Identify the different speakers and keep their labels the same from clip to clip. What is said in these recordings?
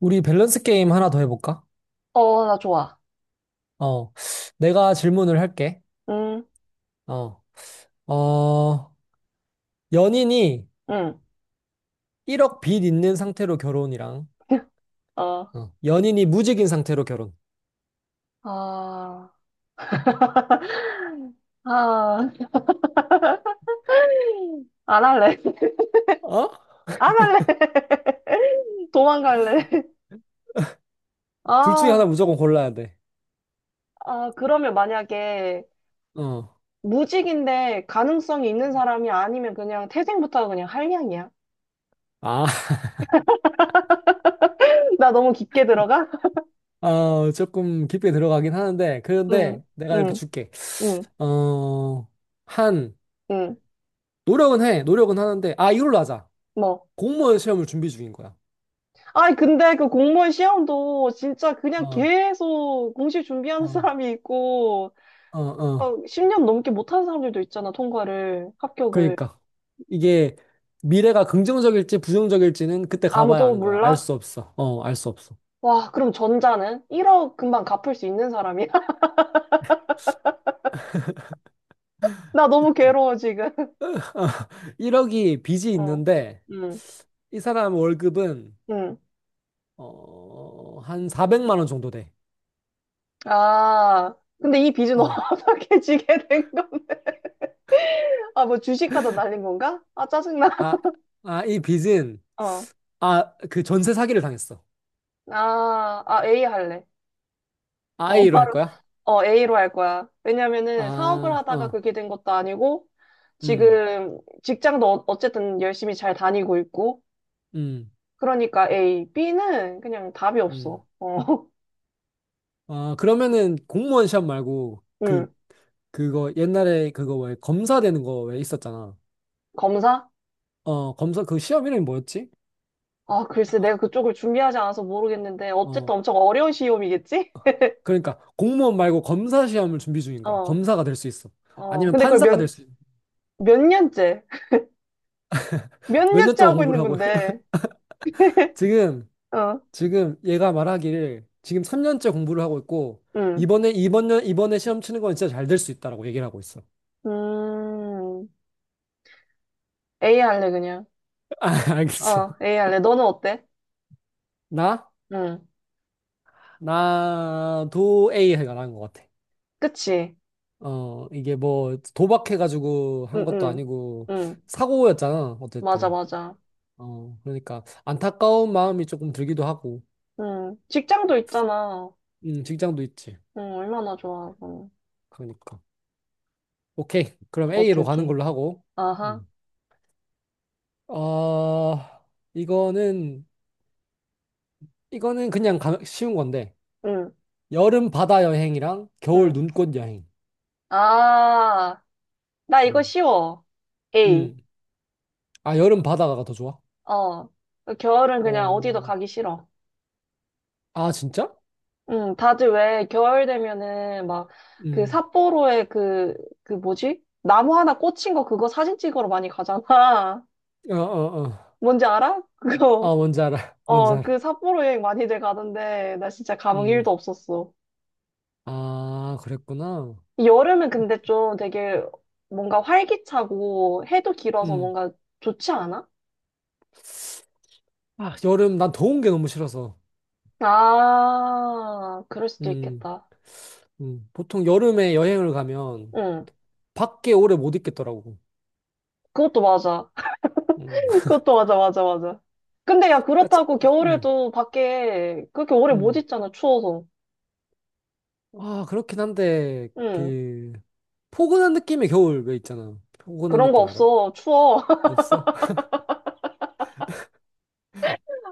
Speaker 1: 우리 밸런스 게임 하나 더 해볼까?
Speaker 2: 어, 나 좋아.
Speaker 1: 어, 내가 질문을 할게.
Speaker 2: 응,
Speaker 1: 어, 어, 연인이
Speaker 2: 응.
Speaker 1: 1억 빚 있는 상태로 결혼이랑,
Speaker 2: 어,
Speaker 1: 어, 연인이 무직인 상태로 결혼.
Speaker 2: 아, 아, 안 할래.
Speaker 1: 어?
Speaker 2: 안 할래. 도망갈래.
Speaker 1: 둘 중에 하나
Speaker 2: 아,
Speaker 1: 무조건 골라야 돼.
Speaker 2: 아, 그러면 만약에
Speaker 1: 어,
Speaker 2: 무직인데 가능성이 있는 사람이 아니면 그냥 태생부터 그냥 한량이야.
Speaker 1: 아,
Speaker 2: 나 너무 깊게 들어가?
Speaker 1: 아, 조금 깊게 들어가긴 하는데,
Speaker 2: 응,
Speaker 1: 그런데 내가 이렇게
Speaker 2: 응,
Speaker 1: 줄게.
Speaker 2: 응,
Speaker 1: 어, 한,
Speaker 2: 응.
Speaker 1: 노력은 해. 노력은 하는데, 아, 이걸로 하자.
Speaker 2: 뭐.
Speaker 1: 공무원 시험을 준비 중인 거야.
Speaker 2: 아니, 근데 그 공무원 시험도 진짜 그냥
Speaker 1: 어,
Speaker 2: 계속 공식 준비하는
Speaker 1: 어,
Speaker 2: 사람이 있고,
Speaker 1: 어,
Speaker 2: 막
Speaker 1: 어.
Speaker 2: 10년 넘게 못하는 사람들도 있잖아, 통과를, 합격을.
Speaker 1: 그러니까 이게 미래가 긍정적일지 부정적일지는 그때 가봐야
Speaker 2: 아무도
Speaker 1: 아는 거야. 알
Speaker 2: 몰라?
Speaker 1: 수 없어. 어, 알 수 없어.
Speaker 2: 와, 그럼 전자는 1억 금방 갚을 수 있는 사람이야? 나 너무 괴로워, 지금.
Speaker 1: 1억이 빚이
Speaker 2: 어,
Speaker 1: 있는데
Speaker 2: 음,
Speaker 1: 이 사람 월급은
Speaker 2: 음.
Speaker 1: 어, 한 400만 원 정도 돼.
Speaker 2: 아, 근데 이 빚은
Speaker 1: 어.
Speaker 2: 어떻게 지게 된 건가? 아, 뭐 주식하다 날린 건가? 아, 짜증나.
Speaker 1: 아, 아, 이 빚은
Speaker 2: 어,
Speaker 1: 아, 그 전세 사기를 당했어.
Speaker 2: 아, 아, A 할래. 어,
Speaker 1: 아이로 할
Speaker 2: 바로,
Speaker 1: 거야?
Speaker 2: A로 할 거야. 왜냐면은 사업을
Speaker 1: 아,
Speaker 2: 하다가
Speaker 1: 어.
Speaker 2: 그렇게 된 것도 아니고,
Speaker 1: 음.
Speaker 2: 지금 직장도 어쨌든 열심히 잘 다니고 있고,
Speaker 1: 음.
Speaker 2: 그러니까 A, B는 그냥 답이
Speaker 1: 음.
Speaker 2: 없어. 어,
Speaker 1: 아, 그러면은 공무원 시험 말고 그
Speaker 2: 음,
Speaker 1: 그거 옛날에 그거 왜 검사 되는 거 왜 있었잖아.
Speaker 2: 검사?
Speaker 1: 어, 검사 그 시험 이름이 뭐였지?
Speaker 2: 아, 글쎄, 내가 그쪽을 준비하지 않아서 모르겠는데,
Speaker 1: 어,
Speaker 2: 어쨌든 엄청 어려운 시험이겠지?
Speaker 1: 그러니까 공무원 말고 검사 시험을 준비 중인 거야.
Speaker 2: 어,
Speaker 1: 검사가 될 수 있어.
Speaker 2: 어,
Speaker 1: 아니면
Speaker 2: 근데 그걸
Speaker 1: 판사가 될 수 있어.
Speaker 2: 몇 년째? 몇
Speaker 1: 몇 년
Speaker 2: 년째
Speaker 1: 동안
Speaker 2: 하고 있는
Speaker 1: 공부를 하고
Speaker 2: 건데,
Speaker 1: 지금
Speaker 2: 어,
Speaker 1: 지금 얘가 말하기를 지금 3년째 공부를 하고 있고
Speaker 2: 음,
Speaker 1: 이번에 이번 년 이번에 시험 치는 건 진짜 잘 될 수 있다라고 얘기를 하고 있어.
Speaker 2: 음, A 할래, 그냥.
Speaker 1: 아, 알겠어.
Speaker 2: 어, A 할래. 너는 어때?
Speaker 1: 나
Speaker 2: 응,
Speaker 1: 나도 A 해가 난 것 같아.
Speaker 2: 그치?
Speaker 1: 어, 이게 뭐 도박해가지고 한
Speaker 2: 응,
Speaker 1: 것도
Speaker 2: 응,
Speaker 1: 아니고
Speaker 2: 응,
Speaker 1: 사고였잖아.
Speaker 2: 맞아,
Speaker 1: 어쨌든.
Speaker 2: 맞아.
Speaker 1: 어, 그러니까 안타까운 마음이 조금 들기도 하고.
Speaker 2: 응, 직장도 있잖아.
Speaker 1: 직장도 있지.
Speaker 2: 응, 얼마나 좋아. 응,
Speaker 1: 그러니까. 오케이. 그럼
Speaker 2: 오케이,
Speaker 1: A로 가는
Speaker 2: 오케이.
Speaker 1: 걸로 하고.
Speaker 2: 아하,
Speaker 1: 음. 어, 이거는, 이거는 그냥 쉬운 건데.
Speaker 2: 응.
Speaker 1: 여름 바다 여행이랑 겨울
Speaker 2: 응.
Speaker 1: 눈꽃 여행.
Speaker 2: 아, 나 이거
Speaker 1: 음.
Speaker 2: 쉬워. A.
Speaker 1: 음. 아, 여름 바다가 더 좋아?
Speaker 2: 어. 겨울은 그냥 어디도
Speaker 1: 어,
Speaker 2: 가기 싫어.
Speaker 1: 아, 진짜?
Speaker 2: 응, 다들 왜 겨울 되면은 막 그
Speaker 1: 음.
Speaker 2: 삿포로에 그, 그 뭐지? 나무 하나 꽂힌 거 그거 사진 찍으러 많이 가잖아.
Speaker 1: 어, 어, 어.
Speaker 2: 뭔지 알아? 그거.
Speaker 1: 아, 뭔지 알아. 뭔지
Speaker 2: 어, 그
Speaker 1: 알아.
Speaker 2: 삿포로 여행 많이들 가던데 나 진짜 감흥
Speaker 1: 음.
Speaker 2: 1도 없었어.
Speaker 1: 아, 그랬구나.
Speaker 2: 여름은 근데 좀 되게 뭔가 활기차고 해도 길어서
Speaker 1: 음.
Speaker 2: 뭔가 좋지 않아?
Speaker 1: 아, 여름, 난 더운 게 너무 싫어서.
Speaker 2: 아, 그럴 수도
Speaker 1: 음.
Speaker 2: 있겠다.
Speaker 1: 음. 보통 여름에 여행을 가면
Speaker 2: 응.
Speaker 1: 밖에 오래 못 있겠더라고.
Speaker 2: 그것도 맞아.
Speaker 1: 음.
Speaker 2: 그것도 맞아, 맞아, 맞아. 근데 야,
Speaker 1: 야, 차,
Speaker 2: 그렇다고
Speaker 1: 음,
Speaker 2: 겨울에도 밖에 그렇게 오래 못
Speaker 1: 음.
Speaker 2: 있잖아, 추워서.
Speaker 1: 아, 그렇긴 한데,
Speaker 2: 응.
Speaker 1: 그, 포근한 느낌의 겨울 왜 있잖아. 포근한
Speaker 2: 그런 거
Speaker 1: 느낌 알아?
Speaker 2: 없어. 추워.
Speaker 1: 없어?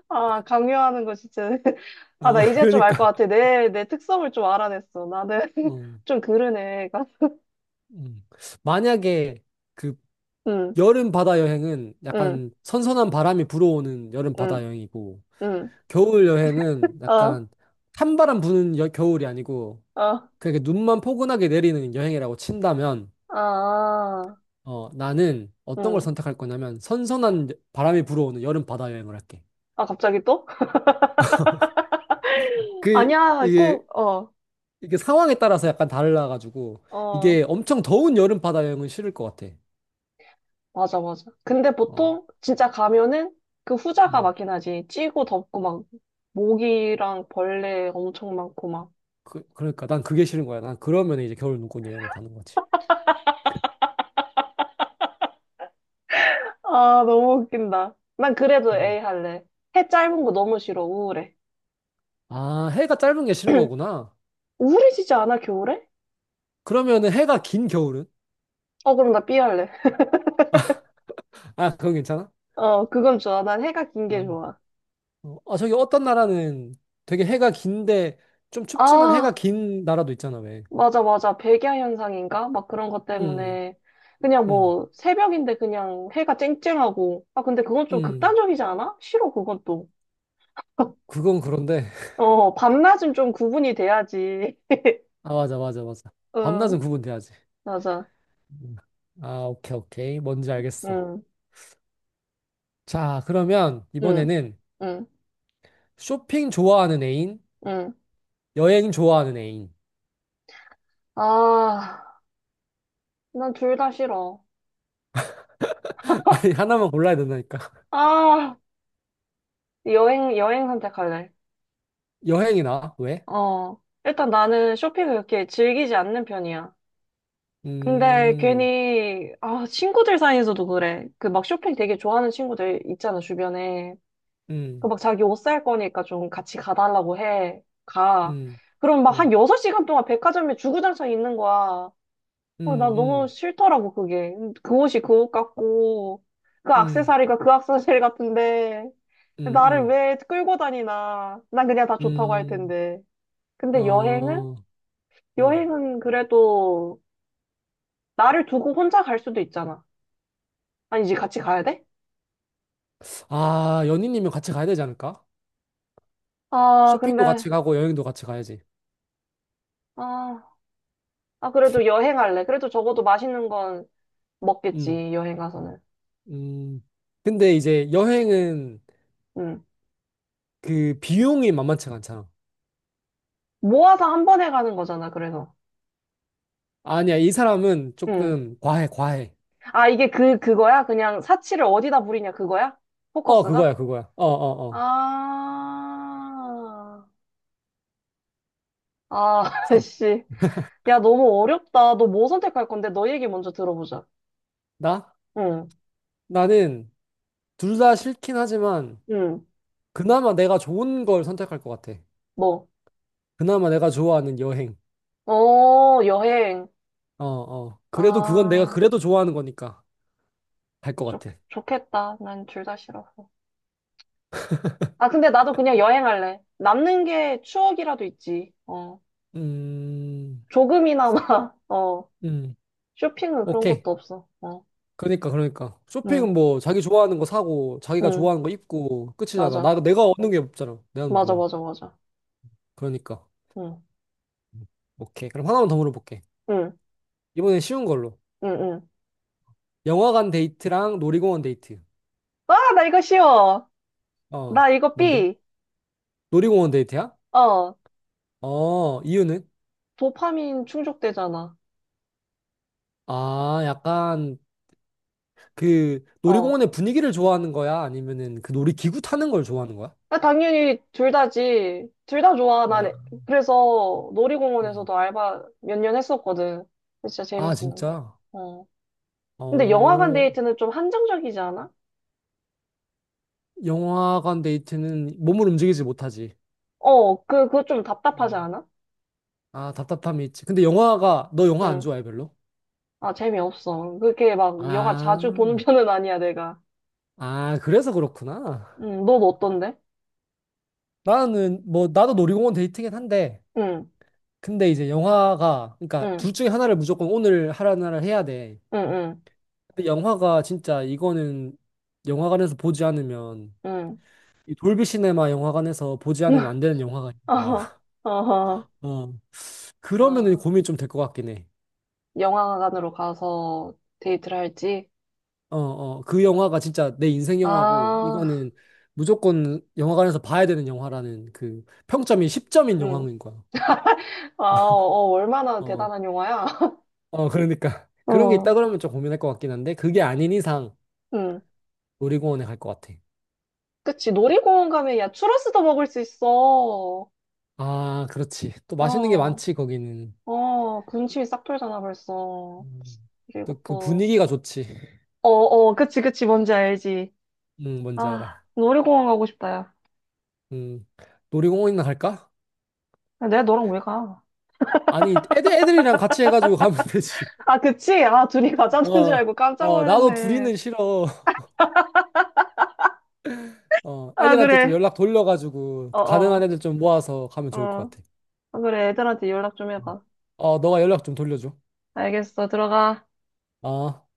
Speaker 2: 아, 강요하는 거 진짜. 아, 나
Speaker 1: 아,
Speaker 2: 이제 좀 알 것
Speaker 1: 그러니까.
Speaker 2: 같아. 내 특성을 좀 알아냈어. 나는
Speaker 1: 어,
Speaker 2: 좀 그러네.
Speaker 1: 음. 만약에 그
Speaker 2: 응,
Speaker 1: 여름 바다 여행은
Speaker 2: 응,
Speaker 1: 약간 선선한 바람이 불어오는 여름
Speaker 2: 응,
Speaker 1: 바다 여행이고,
Speaker 2: 응.
Speaker 1: 겨울 여행은
Speaker 2: 어,
Speaker 1: 약간 찬바람 부는 겨울이 아니고,
Speaker 2: 어,
Speaker 1: 그렇게 눈만 포근하게 내리는 여행이라고 친다면,
Speaker 2: 아,
Speaker 1: 어, 나는 어떤 걸
Speaker 2: 응.
Speaker 1: 선택할 거냐면, 선선한 바람이 불어오는 여름 바다 여행을 할게.
Speaker 2: 아, 갑자기 또?
Speaker 1: 그
Speaker 2: 아니야,
Speaker 1: 이게
Speaker 2: 꼭, 어,
Speaker 1: 이게 상황에 따라서 약간 달라가지고
Speaker 2: 어.
Speaker 1: 이게 엄청 더운 여름 바다 여행은 싫을 것 같아.
Speaker 2: 맞아, 맞아. 근데
Speaker 1: 어,
Speaker 2: 보통 진짜 가면은 그 후자가
Speaker 1: 음.
Speaker 2: 맞긴 하지. 찌고 덥고 막 모기랑 벌레 엄청 많고 막.
Speaker 1: 그러니까 난 그게 싫은 거야. 난 그러면 이제 겨울 눈꽃 여행을 가는 거지.
Speaker 2: 아, 너무 웃긴다. 난 그래도 A
Speaker 1: 음.
Speaker 2: 할래. 해 짧은 거 너무 싫어. 우울해.
Speaker 1: 아, 해가 짧은 게 싫은 거구나.
Speaker 2: 우울해지지 않아, 겨울에?
Speaker 1: 그러면은 해가 긴 겨울은?
Speaker 2: 어, 그럼 나 B 할래.
Speaker 1: 아, 그건 괜찮아?
Speaker 2: 어, 그건 좋아. 난 해가 긴 게
Speaker 1: 아,
Speaker 2: 좋아.
Speaker 1: 어, 아, 저기 어떤 나라는 되게 해가 긴데 좀 춥지만 해가
Speaker 2: 아,
Speaker 1: 긴 나라도 있잖아, 왜?
Speaker 2: 맞아, 맞아. 백야 현상인가? 막 그런 것
Speaker 1: 음,
Speaker 2: 때문에. 그냥
Speaker 1: 음,
Speaker 2: 뭐, 새벽인데 그냥 해가 쨍쨍하고. 아, 근데 그건 좀
Speaker 1: 음.
Speaker 2: 극단적이지 않아? 싫어, 그건 또.
Speaker 1: 그건 그런데.
Speaker 2: 어, 밤낮은 좀 구분이 돼야지.
Speaker 1: 아, 맞아, 맞아, 맞아.
Speaker 2: 응,
Speaker 1: 밤낮은 구분돼야지.
Speaker 2: 맞아.
Speaker 1: 아, 오케이, 오케이. 뭔지 알겠어.
Speaker 2: 응,
Speaker 1: 자, 그러면
Speaker 2: 응,
Speaker 1: 이번에는
Speaker 2: 응,
Speaker 1: 쇼핑 좋아하는 애인,
Speaker 2: 응.
Speaker 1: 여행 좋아하는 애인.
Speaker 2: 아, 난 둘 다 싫어.
Speaker 1: 아니, 하나만 골라야 된다니까.
Speaker 2: 아, 여행, 여행 선택할래.
Speaker 1: 여행이나, 왜?
Speaker 2: 어, 일단 나는 쇼핑을 그렇게 즐기지 않는 편이야. 근데
Speaker 1: 음,
Speaker 2: 괜히, 아, 친구들 사이에서도 그래. 그 막 쇼핑 되게 좋아하는 친구들 있잖아, 주변에. 그
Speaker 1: 음,
Speaker 2: 막 자기 옷 살 거니까 좀 같이 가달라고 해. 가.
Speaker 1: 음,
Speaker 2: 그럼 막
Speaker 1: 음,
Speaker 2: 한 6시간 동안 백화점에 주구장창 있는 거야.
Speaker 1: 음,
Speaker 2: 어, 나 너무
Speaker 1: 음,
Speaker 2: 싫더라고, 그게. 그 옷이 그 옷 같고, 그
Speaker 1: 음,
Speaker 2: 액세서리가 그 액세서리 같은데,
Speaker 1: 음,
Speaker 2: 나를
Speaker 1: 음,
Speaker 2: 왜 끌고 다니나. 난 그냥 다 좋다고 할
Speaker 1: 음,
Speaker 2: 텐데. 근데 여행은?
Speaker 1: 어, 음.
Speaker 2: 여행은 그래도 나를 두고 혼자 갈 수도 있잖아. 아니, 이제 같이 가야 돼?
Speaker 1: 아, 연인이면 같이 가야 되지 않을까?
Speaker 2: 아,
Speaker 1: 쇼핑도
Speaker 2: 근데,
Speaker 1: 같이 가고 여행도 같이 가야지.
Speaker 2: 아, 아, 그래도 여행할래. 그래도 적어도 맛있는 건
Speaker 1: 음,
Speaker 2: 먹겠지, 여행 가서는.
Speaker 1: 음. 근데 이제 여행은
Speaker 2: 응.
Speaker 1: 그 비용이 만만치가 않잖아.
Speaker 2: 모아서 한 번에 가는 거잖아, 그래서.
Speaker 1: 아니야, 이 사람은
Speaker 2: 응.
Speaker 1: 조금 과해, 과해.
Speaker 2: 아, 이게 그거야? 그냥 사치를 어디다 부리냐, 그거야?
Speaker 1: 어,
Speaker 2: 포커스가?
Speaker 1: 그거야, 그거야. 어, 어, 어.
Speaker 2: 아, 아,
Speaker 1: 사,
Speaker 2: 씨. 야, 너무 어렵다. 너 뭐 선택할 건데? 너 얘기 먼저 들어보자.
Speaker 1: 나?
Speaker 2: 응,
Speaker 1: 나는 둘 다 싫긴 하지만,
Speaker 2: 응,
Speaker 1: 그나마 내가 좋은 걸 선택할 것 같아.
Speaker 2: 뭐.
Speaker 1: 그나마 내가 좋아하는 여행.
Speaker 2: 어, 여행.
Speaker 1: 어, 어. 그래도 그건 내가
Speaker 2: 아,
Speaker 1: 그래도 좋아하는 거니까 갈 것
Speaker 2: 좋,
Speaker 1: 같아.
Speaker 2: 좋겠다. 난 둘 다 싫어서. 아, 근데 나도 그냥 여행할래. 남는 게 추억이라도 있지. 어,
Speaker 1: 음,
Speaker 2: 조금이나마, 어,
Speaker 1: 음,
Speaker 2: 쇼핑은 그런
Speaker 1: 오케이.
Speaker 2: 것도 없어. 어,
Speaker 1: 그러니까, 그러니까.
Speaker 2: 응,
Speaker 1: 쇼핑은 뭐, 자기 좋아하는 거 사고, 자기가
Speaker 2: 응,
Speaker 1: 좋아하는 거 입고, 끝이잖아.
Speaker 2: 맞아.
Speaker 1: 내가 얻는 게 없잖아. 내가
Speaker 2: 맞아,
Speaker 1: 뭐야.
Speaker 2: 맞아, 맞아.
Speaker 1: 그러니까.
Speaker 2: 응.
Speaker 1: 오케이. 그럼 하나만 더 물어볼게.
Speaker 2: 응,
Speaker 1: 이번엔 쉬운 걸로.
Speaker 2: 응, 응.
Speaker 1: 영화관 데이트랑 놀이공원 데이트.
Speaker 2: 아, 나 이거 쉬워. 나
Speaker 1: 어,
Speaker 2: 이거
Speaker 1: 뭔데?
Speaker 2: B.
Speaker 1: 놀이공원 데이트야?
Speaker 2: 어,
Speaker 1: 어, 이유는?
Speaker 2: 도파민 충족되잖아.
Speaker 1: 아, 약간 그
Speaker 2: 어.
Speaker 1: 놀이공원의 분위기를 좋아하는 거야? 아니면은 그 놀이기구 타는 걸 좋아하는 거야?
Speaker 2: 아, 당연히 둘 다지. 둘 다 좋아. 난
Speaker 1: 아,
Speaker 2: 그래서
Speaker 1: 음.
Speaker 2: 놀이공원에서도 알바 몇 년 했었거든. 진짜
Speaker 1: 아,
Speaker 2: 재밌었는데.
Speaker 1: 진짜?
Speaker 2: 어. 근데 영화관
Speaker 1: 어,
Speaker 2: 데이트는 좀 한정적이지 않아?
Speaker 1: 영화관 데이트는 몸을 움직이지 못하지.
Speaker 2: 어, 그거 좀 답답하지
Speaker 1: 음.
Speaker 2: 않아?
Speaker 1: 아, 답답함이 있지. 근데 영화가, 너 영화 안
Speaker 2: 응.
Speaker 1: 좋아해, 별로?
Speaker 2: 아, 재미없어. 그렇게 막 영화
Speaker 1: 아,
Speaker 2: 자주 보는 편은 아니야, 내가.
Speaker 1: 아, 그래서 그렇구나.
Speaker 2: 응, 넌 어떤데?
Speaker 1: 나는, 뭐, 나도 놀이공원 데이트긴 한데,
Speaker 2: 응,
Speaker 1: 근데 이제 영화가 그러니까
Speaker 2: 응,
Speaker 1: 둘 중에 하나를 무조건 오늘 하라는 날을 해야 돼.
Speaker 2: 응,
Speaker 1: 근데 영화가 진짜 이거는 영화관에서 보지 않으면
Speaker 2: 응, 응.
Speaker 1: 이 돌비 시네마 영화관에서 보지 않으면 안 되는 영화가 있는 거야.
Speaker 2: 어허, 어허.
Speaker 1: 어. 그러면은
Speaker 2: 아,
Speaker 1: 고민 좀 될 것 같긴 해.
Speaker 2: 영화관으로 가서 데이트를 할지?
Speaker 1: 어, 어. 그 영화가 진짜 내 인생 영화고
Speaker 2: 아,
Speaker 1: 이거는 무조건 영화관에서 봐야 되는 영화라는 그 평점이 10점인
Speaker 2: 응.
Speaker 1: 영화인 거야.
Speaker 2: 아, 어, 어, 얼마나
Speaker 1: 어.
Speaker 2: 대단한 영화야?
Speaker 1: 어, 그러니까 그런 게
Speaker 2: 어,
Speaker 1: 있다 그러면 좀 고민할 것 같긴 한데 그게 아닌 이상
Speaker 2: 응.
Speaker 1: 놀이공원에 갈 것 같아.
Speaker 2: 그치, 놀이공원 가면 야, 추러스도 먹을 수 있어.
Speaker 1: 아, 그렇지. 또 맛있는 게
Speaker 2: 어,
Speaker 1: 많지, 거기는.
Speaker 2: 어, 군침이 싹 돌잖아, 벌써.
Speaker 1: 음,
Speaker 2: 그리고
Speaker 1: 또 그
Speaker 2: 또,
Speaker 1: 분위기가 좋지.
Speaker 2: 어, 어, 그치, 그치, 뭔지 알지.
Speaker 1: 응, 뭔지
Speaker 2: 아,
Speaker 1: 알아.
Speaker 2: 놀이공원 가고 싶다, 야.
Speaker 1: 응. 놀이공원이나 갈까?
Speaker 2: 야, 내가 너랑 왜 가?
Speaker 1: 아니, 애들이랑 같이 해가지고 가면 되지.
Speaker 2: 아, 그치? 아, 둘이 가자는 줄
Speaker 1: 어,
Speaker 2: 알고 깜짝
Speaker 1: 어, 나도
Speaker 2: 놀랐네.
Speaker 1: 둘이는 싫어. 어,
Speaker 2: 아,
Speaker 1: 애들한테 좀
Speaker 2: 그래.
Speaker 1: 연락 돌려가지고,
Speaker 2: 어,
Speaker 1: 가능한
Speaker 2: 어,
Speaker 1: 애들 좀 모아서 가면 좋을 것
Speaker 2: 어.
Speaker 1: 같아.
Speaker 2: 아, 그래, 애들한테 연락 좀 해봐.
Speaker 1: 어, 너가 연락 좀 돌려줘.
Speaker 2: 알겠어, 들어가.
Speaker 1: 어.